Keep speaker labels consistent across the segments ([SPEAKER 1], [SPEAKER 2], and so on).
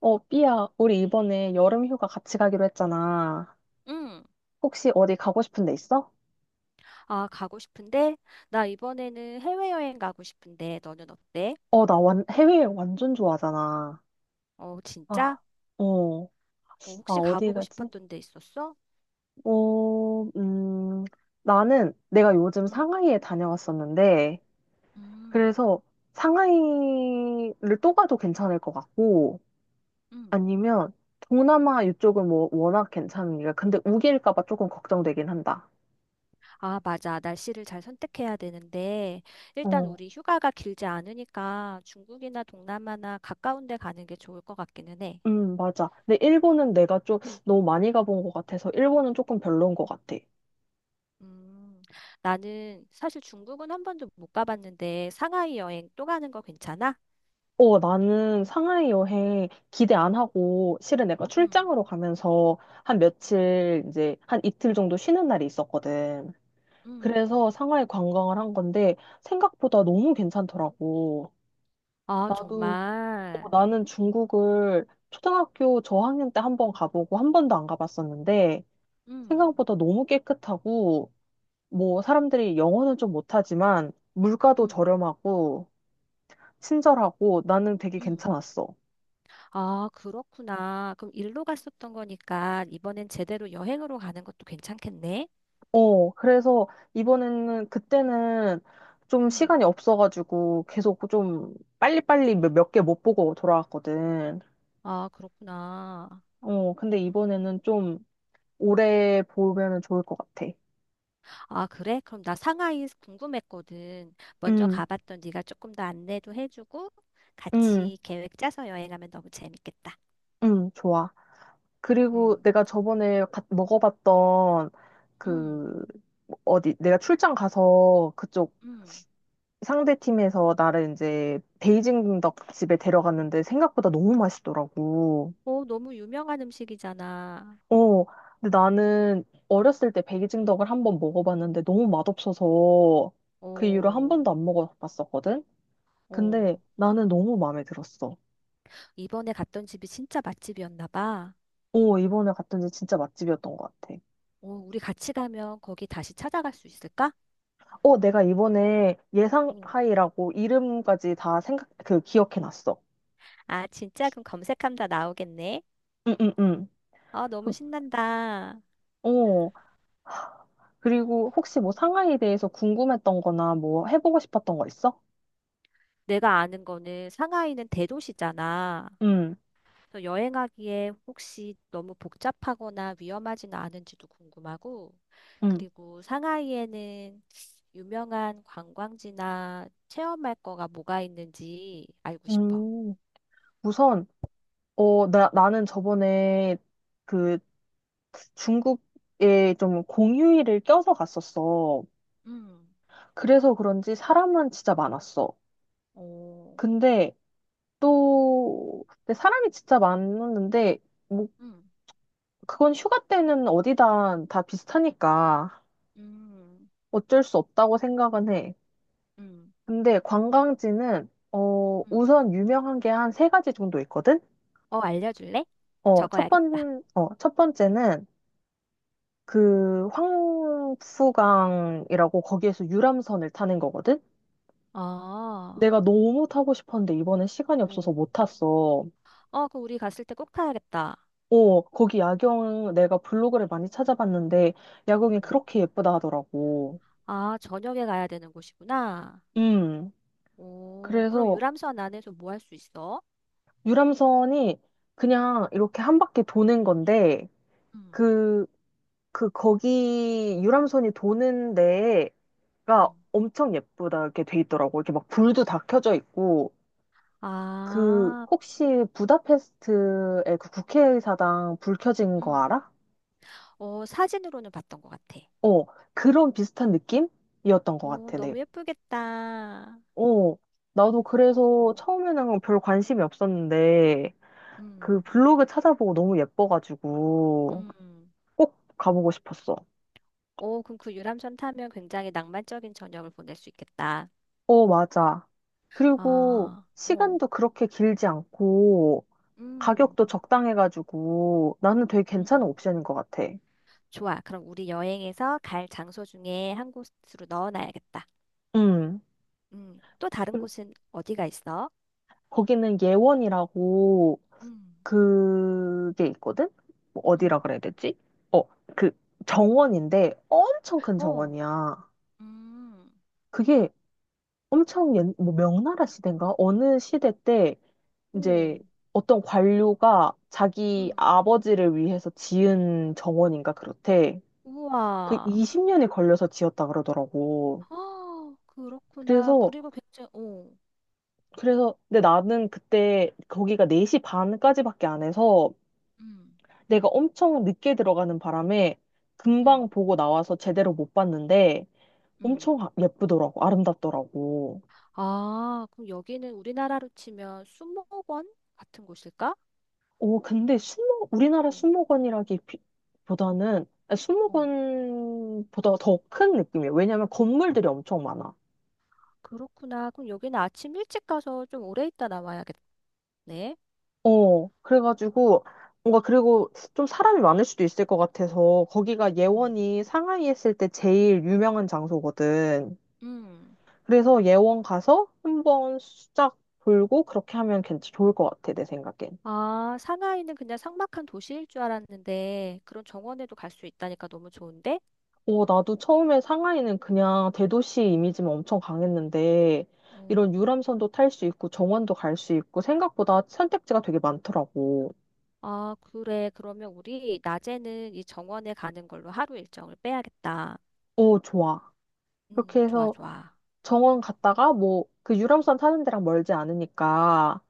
[SPEAKER 1] 삐야, 우리 이번에 여름 휴가 같이 가기로 했잖아.
[SPEAKER 2] 응.
[SPEAKER 1] 혹시 어디 가고 싶은 데 있어?
[SPEAKER 2] 아, 가고 싶은데? 나 이번에는 해외여행 가고 싶은데, 너는 어때?
[SPEAKER 1] 나 해외 완전 좋아하잖아.
[SPEAKER 2] 어, 진짜?
[SPEAKER 1] 아, 어,
[SPEAKER 2] 어, 혹시
[SPEAKER 1] 어디
[SPEAKER 2] 가보고
[SPEAKER 1] 가지?
[SPEAKER 2] 싶었던 데 있었어?
[SPEAKER 1] 어, 음, 나는 내가 요즘
[SPEAKER 2] 응,
[SPEAKER 1] 상하이에 다녀왔었는데,
[SPEAKER 2] 음,
[SPEAKER 1] 그래서 상하이를 또 가도 괜찮을 것 같고,
[SPEAKER 2] 응,
[SPEAKER 1] 아니면 동남아 이쪽은 뭐 워낙 괜찮으니까. 근데 우기일까 봐 조금 걱정되긴 한다.
[SPEAKER 2] 아, 맞아. 날씨를 잘 선택해야 되는데, 일단
[SPEAKER 1] 어.
[SPEAKER 2] 우리 휴가가 길지 않으니까 중국이나 동남아나 가까운 데 가는 게 좋을 것 같기는 해.
[SPEAKER 1] 맞아. 근데 일본은 내가 좀 너무 많이 가본 것 같아서 일본은 조금 별로인 것 같아.
[SPEAKER 2] 음, 나는 사실 중국은 한 번도 못 가봤는데, 상하이 여행 또 가는 거 괜찮아?
[SPEAKER 1] 나는 상하이 여행 기대 안 하고 실은 내가
[SPEAKER 2] 응,
[SPEAKER 1] 출장으로 가면서 한 며칠 이제 한 이틀 정도 쉬는 날이 있었거든.
[SPEAKER 2] 응,
[SPEAKER 1] 그래서 상하이 관광을 한 건데 생각보다 너무 괜찮더라고.
[SPEAKER 2] 아,
[SPEAKER 1] 나도,
[SPEAKER 2] 정말.
[SPEAKER 1] 나는 중국을 초등학교 저학년 때 한번 가보고 한 번도 안 가봤었는데
[SPEAKER 2] 응,
[SPEAKER 1] 생각보다 너무 깨끗하고 뭐 사람들이 영어는 좀 못하지만 물가도
[SPEAKER 2] 응.
[SPEAKER 1] 저렴하고 친절하고 나는 되게
[SPEAKER 2] 음.
[SPEAKER 1] 괜찮았어.
[SPEAKER 2] 아, 그렇구나. 그럼 일로 갔었던 거니까 이번엔 제대로 여행으로 가는 것도 괜찮겠네?
[SPEAKER 1] 그래서 이번에는 그때는 좀
[SPEAKER 2] 음.
[SPEAKER 1] 시간이 없어가지고 계속 좀 빨리빨리 몇 개 못 보고 돌아왔거든.
[SPEAKER 2] 아, 그렇구나.
[SPEAKER 1] 근데 이번에는 좀 오래 보면은 좋을 것 같아.
[SPEAKER 2] 아, 그래? 그럼 나 상하이 궁금했거든. 먼저
[SPEAKER 1] 음,
[SPEAKER 2] 가봤던 네가 조금 더 안내도 해주고
[SPEAKER 1] 음,
[SPEAKER 2] 같이 계획 짜서 여행하면 너무 재밌겠다.
[SPEAKER 1] 좋아. 그리고
[SPEAKER 2] 음.
[SPEAKER 1] 내가 저번에 먹어봤던
[SPEAKER 2] 음,
[SPEAKER 1] 그 어디 내가 출장 가서 그쪽
[SPEAKER 2] 음.
[SPEAKER 1] 상대 팀에서 나를 이제 베이징 덕 집에 데려갔는데 생각보다 너무 맛있더라고.
[SPEAKER 2] 오, 너무 유명한 음식이잖아.
[SPEAKER 1] 어, 근데 나는 어렸을 때 베이징 덕을 한번 먹어봤는데 너무 맛없어서 그 이후로 한
[SPEAKER 2] 오,
[SPEAKER 1] 번도 안 먹어봤었거든?
[SPEAKER 2] 오.
[SPEAKER 1] 근데 나는 너무 마음에 들었어.
[SPEAKER 2] 이번에 갔던 집이 진짜 맛집이었나 봐.
[SPEAKER 1] 이번에 갔던 데 진짜 맛집이었던 것 같아.
[SPEAKER 2] 오, 우리 같이 가면 거기 다시 찾아갈 수 있을까?
[SPEAKER 1] 내가 이번에 예상하이라고 이름까지 다 생각, 그 기억해놨어.
[SPEAKER 2] 아, 진짜? 그럼 검색하면 다 나오겠네.
[SPEAKER 1] 응, 응, 응.
[SPEAKER 2] 아, 너무
[SPEAKER 1] 그,
[SPEAKER 2] 신난다.
[SPEAKER 1] 어, 그리고 혹시 뭐 상하이에 대해서 궁금했던 거나 뭐 해보고 싶었던 거 있어?
[SPEAKER 2] 내가 아는 거는 상하이는 대도시잖아.
[SPEAKER 1] 응,
[SPEAKER 2] 그래서 여행하기에 혹시 너무 복잡하거나 위험하지는 않은지도 궁금하고,
[SPEAKER 1] 응.
[SPEAKER 2] 그리고 상하이에는 유명한 관광지나 체험할 거가 뭐가 있는지 알고 싶어.
[SPEAKER 1] 음, 우선, 나는 저번에 그 중국에 좀 공휴일을 껴서 갔었어.
[SPEAKER 2] 음,
[SPEAKER 1] 그래서 그런지 사람은 진짜 많았어.
[SPEAKER 2] 오,
[SPEAKER 1] 근데 근데 사람이 진짜 많았는데, 뭐,
[SPEAKER 2] 음,
[SPEAKER 1] 그건 휴가 때는 어디다 다 비슷하니까
[SPEAKER 2] 음,
[SPEAKER 1] 어쩔 수 없다고 생각은 해.
[SPEAKER 2] 음,
[SPEAKER 1] 근데 관광지는
[SPEAKER 2] 음.
[SPEAKER 1] 우선 유명한 게 한 세 가지 정도 있거든.
[SPEAKER 2] 어, 알려줄래? 적어야겠다.
[SPEAKER 1] 첫 번째는 그 황푸강이라고 거기에서 유람선을 타는 거거든.
[SPEAKER 2] 아,
[SPEAKER 1] 내가 너무 타고 싶었는데 이번엔 시간이 없어서
[SPEAKER 2] 오.
[SPEAKER 1] 못 탔어.
[SPEAKER 2] 어, 그 우리 갔을 때 꼭 타야겠다.
[SPEAKER 1] 거기 야경 내가 블로그를 많이 찾아봤는데
[SPEAKER 2] 어.
[SPEAKER 1] 야경이 그렇게 예쁘다 하더라고.
[SPEAKER 2] 아, 저녁에 가야 되는 곳이구나.
[SPEAKER 1] 음.
[SPEAKER 2] 오, 그럼
[SPEAKER 1] 그래서
[SPEAKER 2] 유람선 안에서 뭐 할 수 있어?
[SPEAKER 1] 유람선이 그냥 이렇게 한 바퀴 도는 건데
[SPEAKER 2] 음.
[SPEAKER 1] 그 거기 유람선이 도는 데가
[SPEAKER 2] 음.
[SPEAKER 1] 엄청 예쁘다게 돼 있더라고. 이렇게 막 불도 다 켜져 있고
[SPEAKER 2] 아,
[SPEAKER 1] 혹시 부다페스트의 그 국회의사당 불 켜진 거
[SPEAKER 2] 음.
[SPEAKER 1] 알아?
[SPEAKER 2] 어, 사진으로는 봤던 것 같아.
[SPEAKER 1] 어, 그런 비슷한 느낌이었던 것
[SPEAKER 2] 오,
[SPEAKER 1] 같아. 네.
[SPEAKER 2] 너무 예쁘겠다.
[SPEAKER 1] 어, 나도 그래서
[SPEAKER 2] 어,
[SPEAKER 1] 처음에는 별 관심이 없었는데 그
[SPEAKER 2] 음.
[SPEAKER 1] 블로그 찾아보고 너무 예뻐가지고
[SPEAKER 2] 음.
[SPEAKER 1] 꼭 가보고 싶었어.
[SPEAKER 2] 오, 그럼 그 유람선 타면 굉장히 낭만적인 저녁을 보낼 수 있겠다.
[SPEAKER 1] 맞아. 그리고
[SPEAKER 2] 아, 어,
[SPEAKER 1] 시간도 그렇게 길지 않고
[SPEAKER 2] 음.
[SPEAKER 1] 가격도 적당해가지고 나는 되게 괜찮은
[SPEAKER 2] 음.
[SPEAKER 1] 옵션인 것 같아.
[SPEAKER 2] 좋아. 그럼 우리 여행에서 갈 장소 중에 한 곳으로 넣어놔야겠다.
[SPEAKER 1] 음,
[SPEAKER 2] 또 다른
[SPEAKER 1] 그리고
[SPEAKER 2] 곳은 어디가 있어?
[SPEAKER 1] 거기는 예원이라고
[SPEAKER 2] 음,
[SPEAKER 1] 그게 있거든? 뭐 어디라
[SPEAKER 2] 음,
[SPEAKER 1] 그래야 되지? 어, 그 정원인데 엄청 큰
[SPEAKER 2] 어,
[SPEAKER 1] 정원이야.
[SPEAKER 2] 음,
[SPEAKER 1] 그게 뭐 명나라 시대인가? 어느 시대 때 이제
[SPEAKER 2] 오,
[SPEAKER 1] 어떤 관료가 자기
[SPEAKER 2] 음,
[SPEAKER 1] 아버지를 위해서 지은 정원인가 그렇대. 그
[SPEAKER 2] 우와.
[SPEAKER 1] 20년이 걸려서 지었다 그러더라고.
[SPEAKER 2] 어, 그렇구나.
[SPEAKER 1] 그래서
[SPEAKER 2] 그리고 굉장히, 어.
[SPEAKER 1] 그래서 근데 나는 그때 거기가 4시 반까지밖에 안 해서
[SPEAKER 2] 음,
[SPEAKER 1] 내가 엄청 늦게 들어가는 바람에 금방
[SPEAKER 2] 음,
[SPEAKER 1] 보고 나와서 제대로 못 봤는데
[SPEAKER 2] 음.
[SPEAKER 1] 엄청 예쁘더라고. 아름답더라고.
[SPEAKER 2] 아, 그럼 여기는 우리나라로 치면 수목원 같은 곳일까?
[SPEAKER 1] 오, 근데 순모 우리나라
[SPEAKER 2] 오,
[SPEAKER 1] 순모관이라기보다는 아니,
[SPEAKER 2] 어,
[SPEAKER 1] 순모관보다 더 큰 느낌이에요. 왜냐면 건물들이 엄청 많아.
[SPEAKER 2] 그렇구나. 그럼 여기는 아침 일찍 가서 좀 오래 있다 나와야겠네.
[SPEAKER 1] 그래가지고 뭔가 그리고 좀 사람이 많을 수도 있을 것 같아서 거기가
[SPEAKER 2] 음,
[SPEAKER 1] 예원이 상하이 했을 때 제일 유명한 장소거든.
[SPEAKER 2] 음.
[SPEAKER 1] 그래서 예원 가서 한번 수작 돌고 그렇게 하면 좋을 것 같아, 내 생각엔.
[SPEAKER 2] 아, 상하이는 그냥 삭막한 도시일 줄 알았는데 그런 정원에도 갈 수 있다니까 너무 좋은데?
[SPEAKER 1] 나도 처음에 상하이는 그냥 대도시 이미지만 엄청 강했는데, 이런
[SPEAKER 2] 어,
[SPEAKER 1] 유람선도 탈 수 있고, 정원도 갈 수 있고, 생각보다 선택지가 되게 많더라고.
[SPEAKER 2] 아, 그래. 그러면 우리 낮에는 이 정원에 가는 걸로 하루 일정을 빼야겠다.
[SPEAKER 1] 오, 좋아. 그렇게
[SPEAKER 2] 좋아,
[SPEAKER 1] 해서
[SPEAKER 2] 좋아.
[SPEAKER 1] 정원 갔다가, 뭐, 그
[SPEAKER 2] 음.
[SPEAKER 1] 유람선 타는 데랑 멀지 않으니까,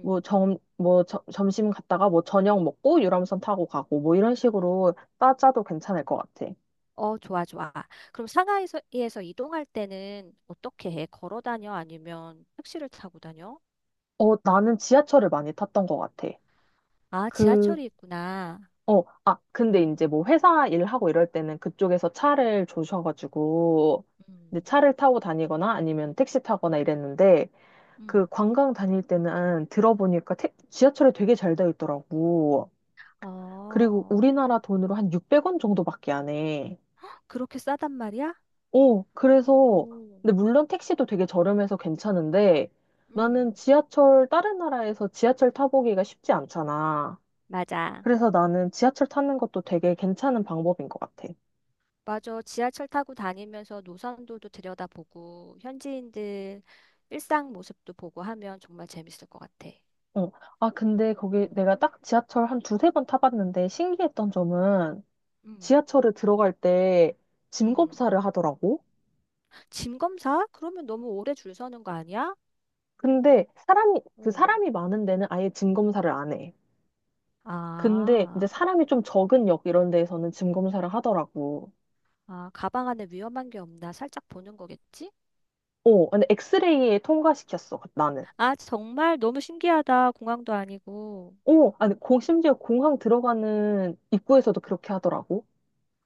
[SPEAKER 1] 뭐, 점심 갔다가, 뭐, 저녁 먹고, 유람선 타고 가고, 뭐, 이런 식으로 따짜도 괜찮을 것 같아.
[SPEAKER 2] 어, 좋아, 좋아. 그럼 상하이에서 에서 이동할 때는 어떻게 해? 걸어 다녀? 아니면 택시를 타고 다녀?
[SPEAKER 1] 나는 지하철을 많이 탔던 것 같아.
[SPEAKER 2] 아,
[SPEAKER 1] 그,
[SPEAKER 2] 지하철이 있구나.
[SPEAKER 1] 근데
[SPEAKER 2] 음.
[SPEAKER 1] 이제 뭐 회사 일하고 이럴 때는 그쪽에서 차를 조셔가지고, 이제
[SPEAKER 2] 음.
[SPEAKER 1] 차를 타고 다니거나 아니면 택시 타거나 이랬는데, 그
[SPEAKER 2] 음.
[SPEAKER 1] 관광 다닐 때는 들어보니까 지하철이 되게 잘 되어 있더라고. 그리고
[SPEAKER 2] 어,
[SPEAKER 1] 우리나라 돈으로 한 600원 정도밖에 안 해.
[SPEAKER 2] 그렇게 싸단 말이야?
[SPEAKER 1] 그래서,
[SPEAKER 2] 오.
[SPEAKER 1] 근데 물론 택시도 되게 저렴해서 괜찮은데, 나는
[SPEAKER 2] 음.
[SPEAKER 1] 지하철, 다른 나라에서 지하철 타보기가 쉽지 않잖아.
[SPEAKER 2] 맞아.
[SPEAKER 1] 그래서 나는 지하철 타는 것도 되게 괜찮은 방법인 것 같아.
[SPEAKER 2] 맞아. 지하철 타고 다니면서 노선도도 들여다보고 현지인들 일상 모습도 보고 하면 정말 재밌을 것 같아.
[SPEAKER 1] 어. 근데 거기
[SPEAKER 2] 어,
[SPEAKER 1] 내가 딱 지하철 한 두세 번 타봤는데 신기했던 점은
[SPEAKER 2] 음,
[SPEAKER 1] 지하철에 들어갈 때 짐
[SPEAKER 2] 음.
[SPEAKER 1] 검사를 하더라고.
[SPEAKER 2] 짐 검사? 그러면 너무 오래 줄 서는 거 아니야?
[SPEAKER 1] 근데 그
[SPEAKER 2] 어.
[SPEAKER 1] 사람이 많은 데는 아예 짐 검사를 안 해. 근데 이제
[SPEAKER 2] 아,
[SPEAKER 1] 사람이 좀 적은 역 이런 데에서는 짐 검사를 하더라고.
[SPEAKER 2] 아, 가방 안에 위험한 게 없나 살짝 보는 거겠지?
[SPEAKER 1] 근데 엑스레이에 통과시켰어, 나는.
[SPEAKER 2] 아, 정말 너무 신기하다. 공항도 아니고.
[SPEAKER 1] 아니, 심지어 공항 들어가는 입구에서도 그렇게 하더라고.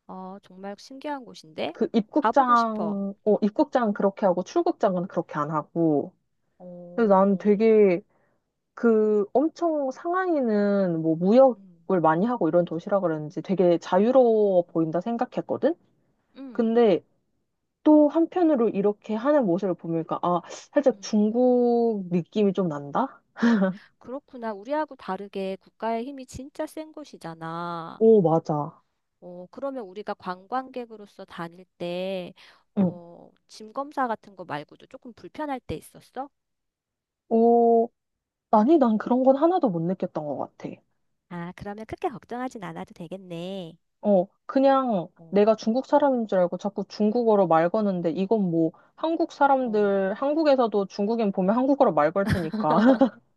[SPEAKER 2] 어, 정말 신기한 곳인데? 가보고 싶어.
[SPEAKER 1] 입국장은 그렇게 하고 출국장은 그렇게 안 하고. 근데 난
[SPEAKER 2] 오.
[SPEAKER 1] 되게 엄청 상하이는 뭐
[SPEAKER 2] 음,
[SPEAKER 1] 무역을 많이 하고 이런 도시라 그런지 되게
[SPEAKER 2] 음,
[SPEAKER 1] 자유로워 보인다 생각했거든?
[SPEAKER 2] 음.
[SPEAKER 1] 근데 또 한편으로 이렇게 하는 모습을 보니까 아, 살짝
[SPEAKER 2] 음.
[SPEAKER 1] 중국 느낌이 좀 난다?
[SPEAKER 2] 그렇구나. 우리하고 다르게 국가의 힘이 진짜 센 곳이잖아.
[SPEAKER 1] 오, 맞아.
[SPEAKER 2] 어, 그러면 우리가 관광객으로서 다닐 때,
[SPEAKER 1] 응.
[SPEAKER 2] 어, 짐 검사 같은 거 말고도 조금 불편할 때 있었어?
[SPEAKER 1] 오, 아니, 난 그런 건 하나도 못 느꼈던 것 같아.
[SPEAKER 2] 아, 그러면 크게 걱정하진 않아도 되겠네.
[SPEAKER 1] 그냥
[SPEAKER 2] 어,
[SPEAKER 1] 내가 중국 사람인 줄 알고 자꾸 중국어로 말 거는데 이건 뭐 한국
[SPEAKER 2] 어,
[SPEAKER 1] 사람들, 한국에서도 중국인 보면 한국어로 말걸 테니까.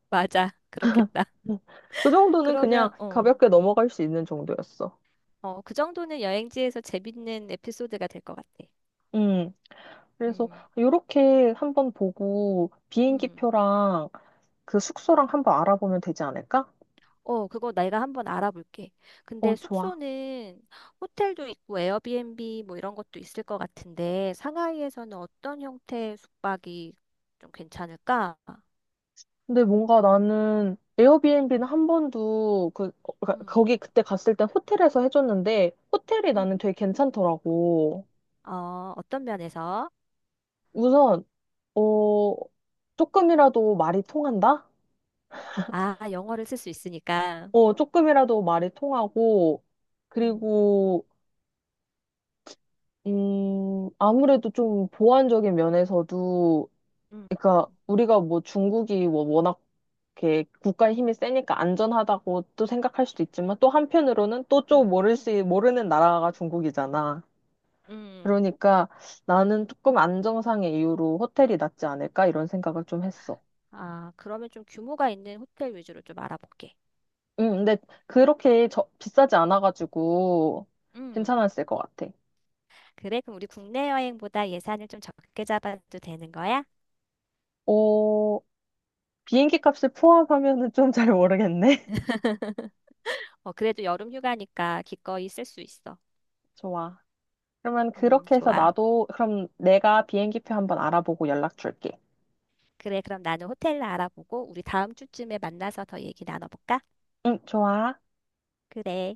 [SPEAKER 2] 맞아. 그렇겠다.
[SPEAKER 1] 그 정도는 그냥
[SPEAKER 2] 그러면, 어,
[SPEAKER 1] 가볍게 넘어갈 수 있는 정도였어.
[SPEAKER 2] 어, 그 정도는 여행지에서 재밌는 에피소드가 될 것 같아.
[SPEAKER 1] 음. 그래서
[SPEAKER 2] 음,
[SPEAKER 1] 이렇게 한번 보고
[SPEAKER 2] 음.
[SPEAKER 1] 비행기표랑 그 숙소랑 한번 알아보면 되지 않을까?
[SPEAKER 2] 어, 그거 내가 한번 알아볼게. 근데
[SPEAKER 1] 좋아.
[SPEAKER 2] 숙소는 호텔도 있고 에어비앤비 뭐 이런 것도 있을 것 같은데 상하이에서는 어떤 형태의 숙박이 좀 괜찮을까?
[SPEAKER 1] 근데 뭔가 나는 에어비앤비는 한 번도 그러니까
[SPEAKER 2] 음,
[SPEAKER 1] 거기 그때 갔을 땐 호텔에서 해줬는데 호텔이 나는
[SPEAKER 2] 음,
[SPEAKER 1] 되게 괜찮더라고.
[SPEAKER 2] 어, 어떤 면에서?
[SPEAKER 1] 우선, 어, 조금이라도 말이 통한다?
[SPEAKER 2] 아, 영어를 쓸 수 있으니까.
[SPEAKER 1] 조금이라도 말이 통하고,
[SPEAKER 2] 음,
[SPEAKER 1] 그리고, 아무래도 좀 보완적인 면에서도,
[SPEAKER 2] 음,
[SPEAKER 1] 그러니까 우리가 뭐 중국이 뭐 워낙 이렇게 국가의 힘이 세니까 안전하다고 또 생각할 수도 있지만, 또 한편으로는 또 좀
[SPEAKER 2] 음,
[SPEAKER 1] 모르는 나라가 중국이잖아.
[SPEAKER 2] 음.
[SPEAKER 1] 그러니까 나는 조금 안정상의 이유로 호텔이 낫지 않을까? 이런 생각을 좀 했어.
[SPEAKER 2] 아, 그러면 좀 규모가 있는 호텔 위주로 좀 알아볼게.
[SPEAKER 1] 근데 그렇게 비싸지 않아가지고
[SPEAKER 2] 음.
[SPEAKER 1] 괜찮았을 것 같아.
[SPEAKER 2] 그래, 그럼 우리 국내 여행보다 예산을 좀 적게 잡아도 되는 거야?
[SPEAKER 1] 어, 비행기 값을 포함하면은 좀 잘 모르겠네.
[SPEAKER 2] 어, 그래도 여름 휴가니까 기꺼이 쓸 수 있어.
[SPEAKER 1] 좋아. 그러면 그렇게 해서
[SPEAKER 2] 좋아.
[SPEAKER 1] 나도, 그럼 내가 비행기 표 한번 알아보고 연락 줄게.
[SPEAKER 2] 그래, 그럼 나는 호텔 알아보고 우리 다음 주쯤에 만나서 더 얘기 나눠볼까?
[SPEAKER 1] 응, 좋아.
[SPEAKER 2] 그래.